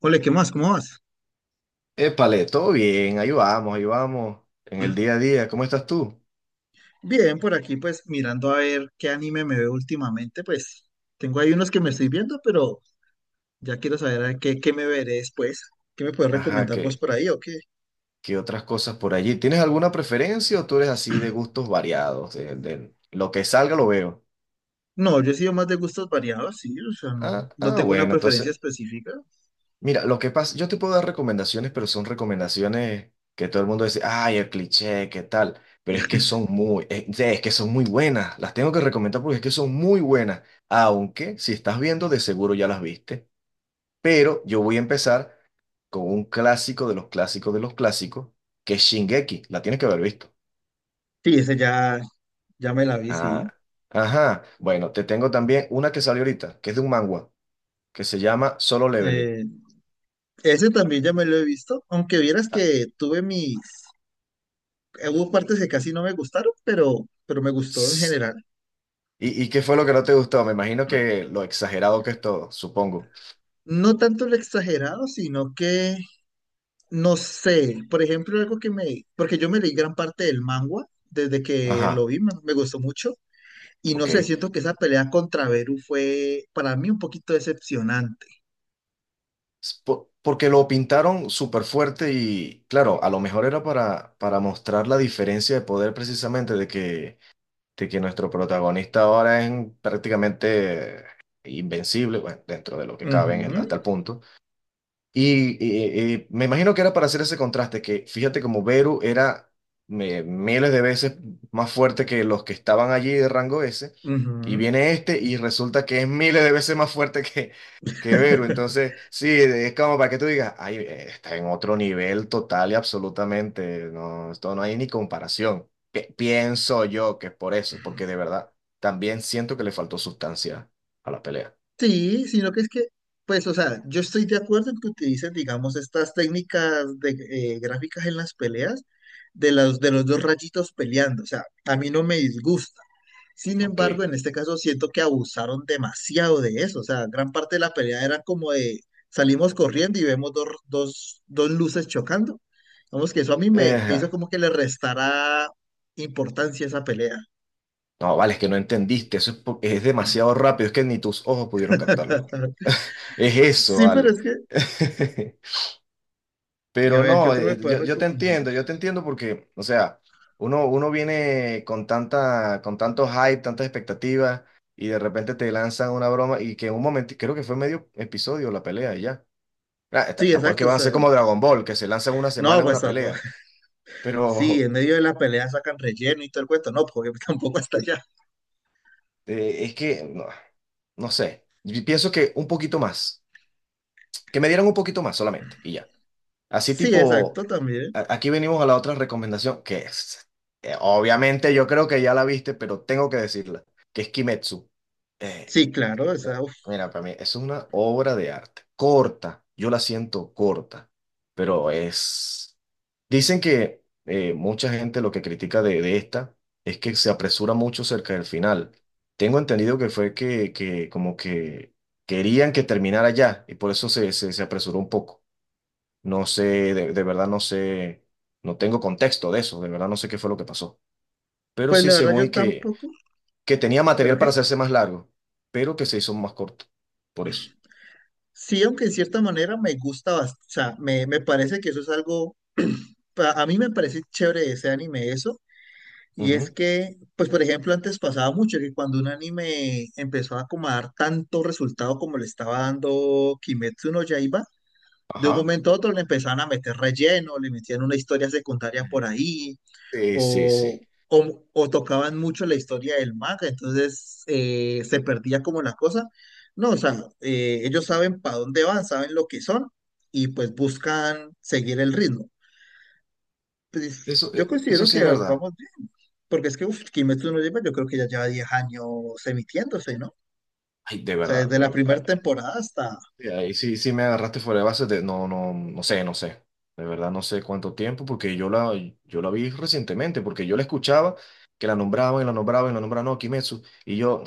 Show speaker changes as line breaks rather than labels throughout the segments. Ole, ¿qué más? ¿Cómo vas?
Épale, todo bien, ahí vamos, en el día a día, ¿cómo estás tú?
Bien, por aquí pues mirando a ver qué anime me veo últimamente, pues tengo ahí unos que me estoy viendo, pero ya quiero saber qué me veré después. ¿Qué me puedes
Ajá,
recomendar vos por ahí o qué?
¿qué otras cosas por allí? ¿Tienes alguna preferencia o tú eres así de gustos variados? De lo que salga lo veo.
No, yo he sido más de gustos variados, sí, o sea, no tengo una
Bueno,
preferencia
entonces,
específica.
mira, lo que pasa, yo te puedo dar recomendaciones, pero son recomendaciones que todo el mundo dice, ay, el cliché, ¿qué tal? Pero es que son muy buenas, las tengo que recomendar porque es que son muy buenas, aunque si estás viendo, de seguro ya las viste, pero yo voy a empezar con un clásico de los clásicos, que es Shingeki. La tienes que haber visto.
Sí, ese ya me la vi, sí.
Ah, ajá. Bueno, te tengo también una que salió ahorita, que es de un manga, que se llama Solo Leveling.
Eh, ese también ya me lo he visto, aunque vieras
Ah,
que tuve mis, hubo partes que casi no me gustaron, pero me gustó en
s-
general.
¿y qué fue lo que no te gustó? Me imagino que lo exagerado que es todo, supongo.
No tanto lo exagerado, sino que no sé, por ejemplo, algo que me, porque yo me leí gran parte del manga desde que lo
Ajá,
vi, me gustó mucho, y no
ok.
sé, siento que esa pelea contra Beru fue para mí un poquito decepcionante.
Porque lo pintaron súper fuerte y, claro, a lo mejor era para mostrar la diferencia de poder precisamente de que nuestro protagonista ahora es prácticamente invencible, bueno, dentro de lo que cabe
Ujú,
hasta el punto. Y, me imagino que era para hacer ese contraste, que fíjate como Beru era miles de veces más fuerte que los que estaban allí de rango S, y
ujú.
viene este y resulta que es miles de veces más fuerte que Beru. Entonces, sí, es como para que tú digas, ay, está en otro nivel total y absolutamente, no, esto no hay ni comparación. Pienso yo que es por eso, porque de verdad también siento que le faltó sustancia a la pelea.
Sí, sino que es que, pues, o sea, yo estoy de acuerdo en que utilicen, digamos, estas técnicas de gráficas en las peleas de los dos rayitos peleando. O sea, a mí no me disgusta. Sin embargo,
Ok.
en este caso siento que abusaron demasiado de eso. O sea, gran parte de la pelea era como de salimos corriendo y vemos dos luces chocando. Vamos, que eso a mí me hizo
Ejá.
como que le restara importancia a esa pelea.
No, vale, es que no entendiste, eso es, es demasiado rápido, es que ni tus ojos pudieron captarlo. Es eso,
Sí, pero
vale.
es que, y a
Pero
ver, ¿qué
no,
otro me puedes recomendar?
yo te entiendo porque, o sea, uno viene con tanta, con tanto hype, tantas expectativas, y de repente te lanzan una broma y que en un momento, creo que fue medio episodio la pelea y ya. Ah,
Sí,
tampoco es que
exacto, o
van a
sea,
ser como Dragon Ball, que se lanzan una
no,
semana en
pues
una
tampoco.
pelea,
Sí,
pero
en medio de la pelea sacan relleno y todo el cuento. No, porque tampoco hasta allá.
es que, no, no sé, yo pienso que un poquito más. Que me dieran un poquito más solamente y ya. Así
Sí, exacto,
tipo,
también.
aquí venimos a la otra recomendación, que es, obviamente yo creo que ya la viste, pero tengo que decirla, que es Kimetsu. Eh,
Sí, claro.
eh,
O sea, uf,
Mira, para mí es una obra de arte, corta, yo la siento corta, pero es... Dicen que mucha gente lo que critica de esta es que se apresura mucho cerca del final. Tengo entendido que fue que como que querían que terminara ya y por eso se apresuró un poco. No sé, de verdad no sé, no tengo contexto de eso, de verdad no sé qué fue lo que pasó. Pero
pues
sí,
la verdad
según
yo
y
tampoco.
que tenía
¿Pero
material para
qué?
hacerse más largo, pero que se hizo más corto, por eso.
Sí, aunque en cierta manera me gusta bastante. O sea, me parece que eso es algo. A mí me parece chévere de ese anime eso. Y es
Ujú.
que, pues por ejemplo, antes pasaba mucho que cuando un anime empezó a como a dar tanto resultado como le estaba dando Kimetsu no Yaiba de un
Ajá.
momento a otro le empezaban a meter relleno, le metían una historia secundaria por ahí,
Sí, sí,
o,
sí.
o tocaban mucho la historia del manga, entonces se perdía como la cosa. No, o sea, ellos saben para dónde van, saben lo que son, y pues buscan seguir el ritmo. Pues
Eso,
yo
eso
considero
sí
que
es verdad.
vamos bien, porque es que uf, Kimetsu no lleva, yo creo que ya lleva 10 años emitiéndose, ¿no? O
Ay, de
sea,
verdad.
desde la primera
Ay,
temporada hasta...
sí, ahí sí, sí me agarraste fuera de base de, no, no, no sé, no sé. De verdad no sé cuánto tiempo, porque yo la vi recientemente, porque yo la escuchaba, que la nombraban y la nombraban y la nombraban, no, Kimetsu. Y yo,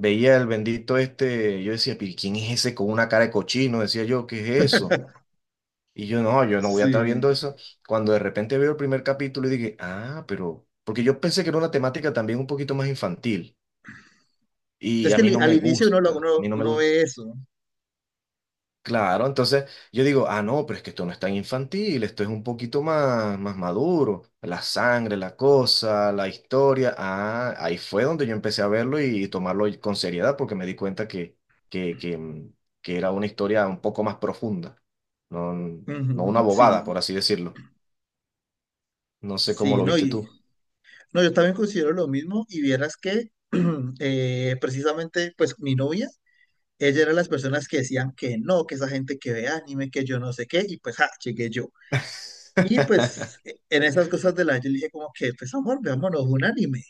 veía el bendito este, yo decía, pero ¿quién es ese con una cara de cochino? Decía yo, ¿qué es eso? Y yo no voy a estar
Sí.
viendo eso. Cuando de repente veo el primer capítulo y dije, ah, pero, porque yo pensé que era una temática también un poquito más infantil y
Es
a
que
mí no
al
me
inicio uno, lo-
gusta,
uno,
a mí no me
uno
gusta.
ve eso.
Claro, entonces yo digo, ah, no, pero es que esto no es tan infantil, esto es un poquito más, más maduro, la sangre, la cosa, la historia, ah, ahí fue donde yo empecé a verlo y tomarlo con seriedad porque me di cuenta que, que, mm, que era una historia un poco más profunda, no, no una
Ujú,
bobada,
sí,
por así decirlo. No sé cómo
sí,
lo
no,
viste
y,
tú.
no, yo también considero lo mismo y vieras que precisamente pues mi novia, ella era de las personas que decían que no, que esa gente que ve anime, que yo no sé qué, y pues ja, llegué yo. Y pues en esas cosas de la yo le dije como que pues amor, veámonos un anime.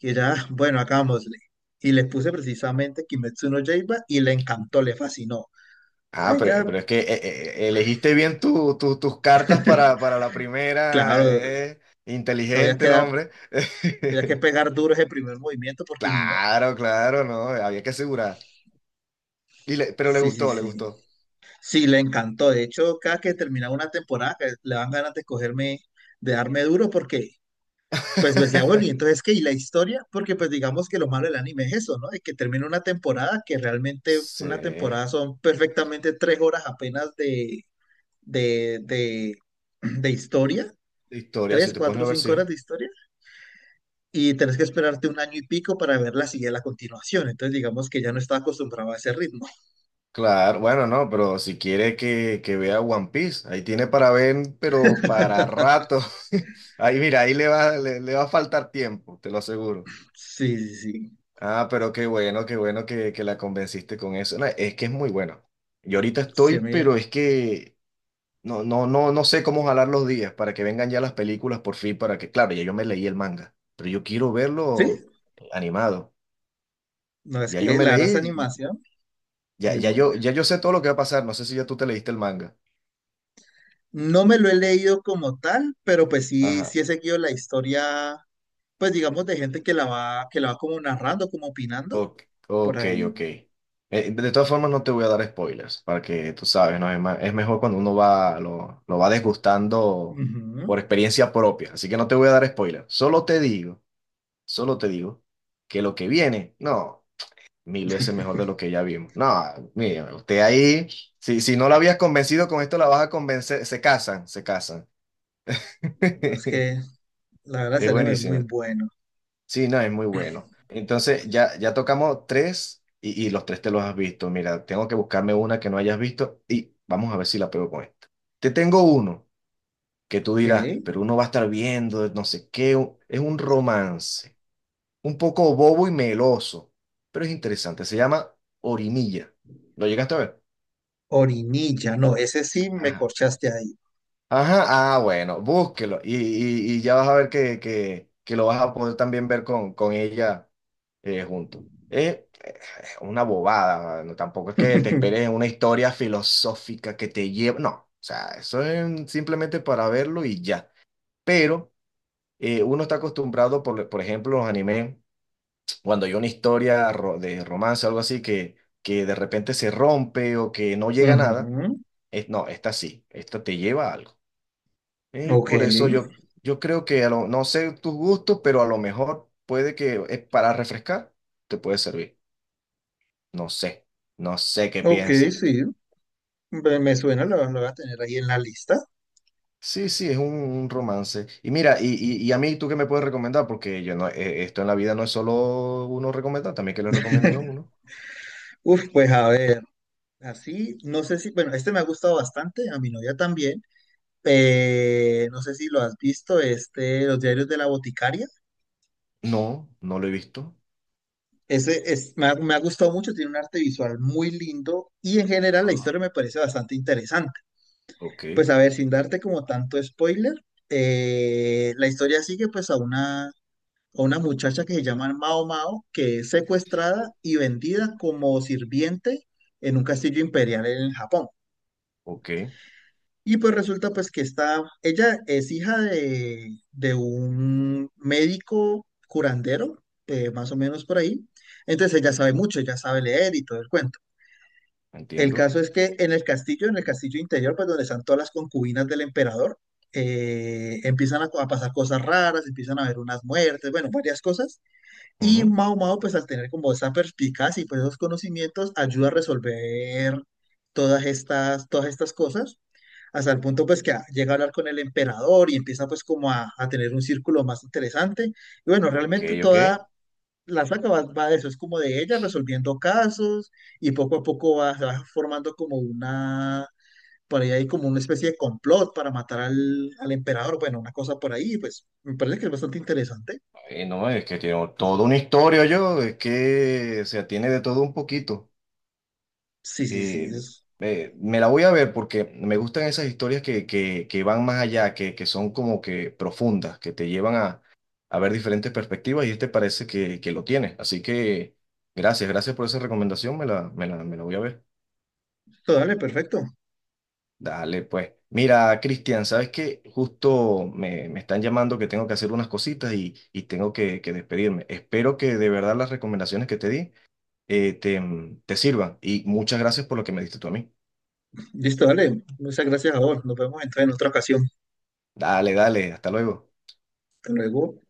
Y ella, "Ah, bueno, hagámosle. Y le puse precisamente Kimetsu no Yaiba y le encantó, le fascinó. O sea,
Ah,
ella,
pero es que elegiste bien tus cartas para la primera,
claro, había
inteligente
que
el
dar,
hombre.
había que pegar duro ese primer movimiento porque si no...
Claro, claro, no, había que asegurar. Pero le
Sí, sí,
gustó, le
sí.
gustó.
Sí, le encantó. De hecho, cada que terminaba una temporada, que le dan ganas de escogerme, de darme duro, porque pues me decía, bueno, y entonces qué, y la historia, porque pues digamos que lo malo del anime es eso, ¿no? Es que termina una temporada, que realmente
Sí,
una
de
temporada son perfectamente 3 horas apenas de, de, de historia,
historia, si
tres,
te pones
cuatro,
a ver,
cinco
sí.
horas de historia, y tenés que esperarte un año y pico para ver la siguiente, la continuación. Entonces, digamos que ya no estaba acostumbrado a ese ritmo.
Claro, bueno, no, pero si quiere que vea One Piece, ahí tiene para ver, pero para rato. Ahí mira, ahí le va, le va a faltar tiempo, te lo aseguro.
Sí, sí, sí.
Ah, pero qué bueno que la convenciste con eso. No, es que es muy bueno. Yo ahorita
Sí,
estoy,
a
pero es que no, no, no, no sé cómo jalar los días para que vengan ya las películas por fin, para que, claro, ya yo me leí el manga, pero yo quiero
sí,
verlo animado.
no, es
Ya yo
que
me
la verdad esa
leí,
animación,
ya,
muy
ya yo,
buena.
Ya yo sé todo lo que va a pasar. No sé si ya tú te leíste el manga.
No me lo he leído como tal, pero pues sí,
Ajá.
sí he seguido la historia, pues digamos, de gente que la va como narrando, como opinando,
Ok,
por
ok,
ahí.
ok. De todas formas, no te voy a dar spoilers, para que tú sabes, ¿no? Es mejor cuando uno va, lo va desgustando
Ujú.
por experiencia propia. Así que no te voy a dar spoilers. Solo te digo que lo que viene, no, mil veces mejor de lo que ya vimos. No, mira, usted ahí, si no la habías convencido con esto, la vas a convencer, se casan, se casan.
No, es que la verdad
Es
ese anime es muy
buenísima.
bueno.
Sí, no, es muy bueno. Entonces, ya, ya tocamos tres y los tres te los has visto. Mira, tengo que buscarme una que no hayas visto y vamos a ver si la pego con esta. Te tengo uno que tú
Ok.
dirás, pero uno va a estar viendo, no sé qué, es un romance, un poco bobo y meloso, pero es interesante. Se llama Orinilla. ¿Lo llegaste a ver?
Orinilla, no, ese sí me
Ajá.
corchaste ahí.
Ajá, ah, bueno, búsquelo y, y ya vas a ver que lo vas a poder también ver con ella junto. Es una bobada, mano. Tampoco es que te esperes una historia filosófica que te lleve, no, o sea, eso es simplemente para verlo y ya. Pero uno está acostumbrado, por ejemplo, los animes, cuando hay una historia de romance o algo así que de repente se rompe o que no llega a nada,
Ujú.
es, no, esta sí, esta te lleva a algo. Y
Ok,
por eso yo, yo creo que no sé tus gustos, pero a lo mejor puede que es para refrescar, te puede servir. No sé, no sé qué
ok,
piensas.
sí. Me suena, lo voy a tener ahí en la lista.
Sí, sí, es un romance. Y mira, y a mí, ¿tú qué me puedes recomendar? Porque yo no, esto en la vida no es solo uno recomendar, también que le recomienden a uno.
Uf, pues a ver. Así, no sé si, bueno, este me ha gustado bastante, a mi novia también. No sé si lo has visto, este, Los Diarios de la Boticaria.
No, no lo he visto.
Ese es, me ha gustado mucho, tiene un arte visual muy lindo y en general la
Ajá.
historia me parece bastante interesante.
Ok,
Pues a ver, sin darte como tanto spoiler, la historia sigue pues a una muchacha que se llama Mao Mao, que es secuestrada
o-
y vendida como sirviente en un castillo imperial en Japón.
ok,
Y pues resulta pues que está, ella es hija de un médico curandero, más o menos por ahí. Entonces ella sabe mucho, ella sabe leer y todo el cuento. El
entiendo.
caso es que en el castillo interior, pues donde están todas las concubinas del emperador, empiezan a pasar cosas raras, empiezan a haber unas muertes, bueno, varias cosas. Y
Ujú.
Mao Mao, pues al tener como esa perspicacia y pues esos conocimientos, ayuda a resolver todas estas cosas hasta el punto pues que llega a hablar con el emperador y empieza pues como a tener un círculo más interesante. Y bueno,
Ok,
realmente
ok.
toda la saga va de eso, es como de ella resolviendo casos y poco a poco se va formando como una, por ahí hay como una especie de complot para matar al emperador, bueno, una cosa por ahí, pues me parece que es bastante interesante.
Ay, no, es que tiene toda una historia yo, es que, o sea, tiene de todo un poquito.
Sí, sí, sí,
eh,
es...
Me la voy a ver porque me gustan esas historias que van más allá, que son como que profundas, que te llevan a ver diferentes perspectivas y este parece que lo tiene. Así que gracias, gracias por esa recomendación, me la voy a ver.
todo Dale, perfecto.
Dale, pues. Mira, Cristian, sabes que justo me, me están llamando que tengo que hacer unas cositas y tengo que despedirme. Espero que de verdad las recomendaciones que te di eh, te, te sirvan y muchas gracias por lo que me diste tú a mí.
Listo, dale. Muchas gracias a vos. Nos vemos entonces en otra ocasión.
Dale, dale, hasta luego.
Hasta luego.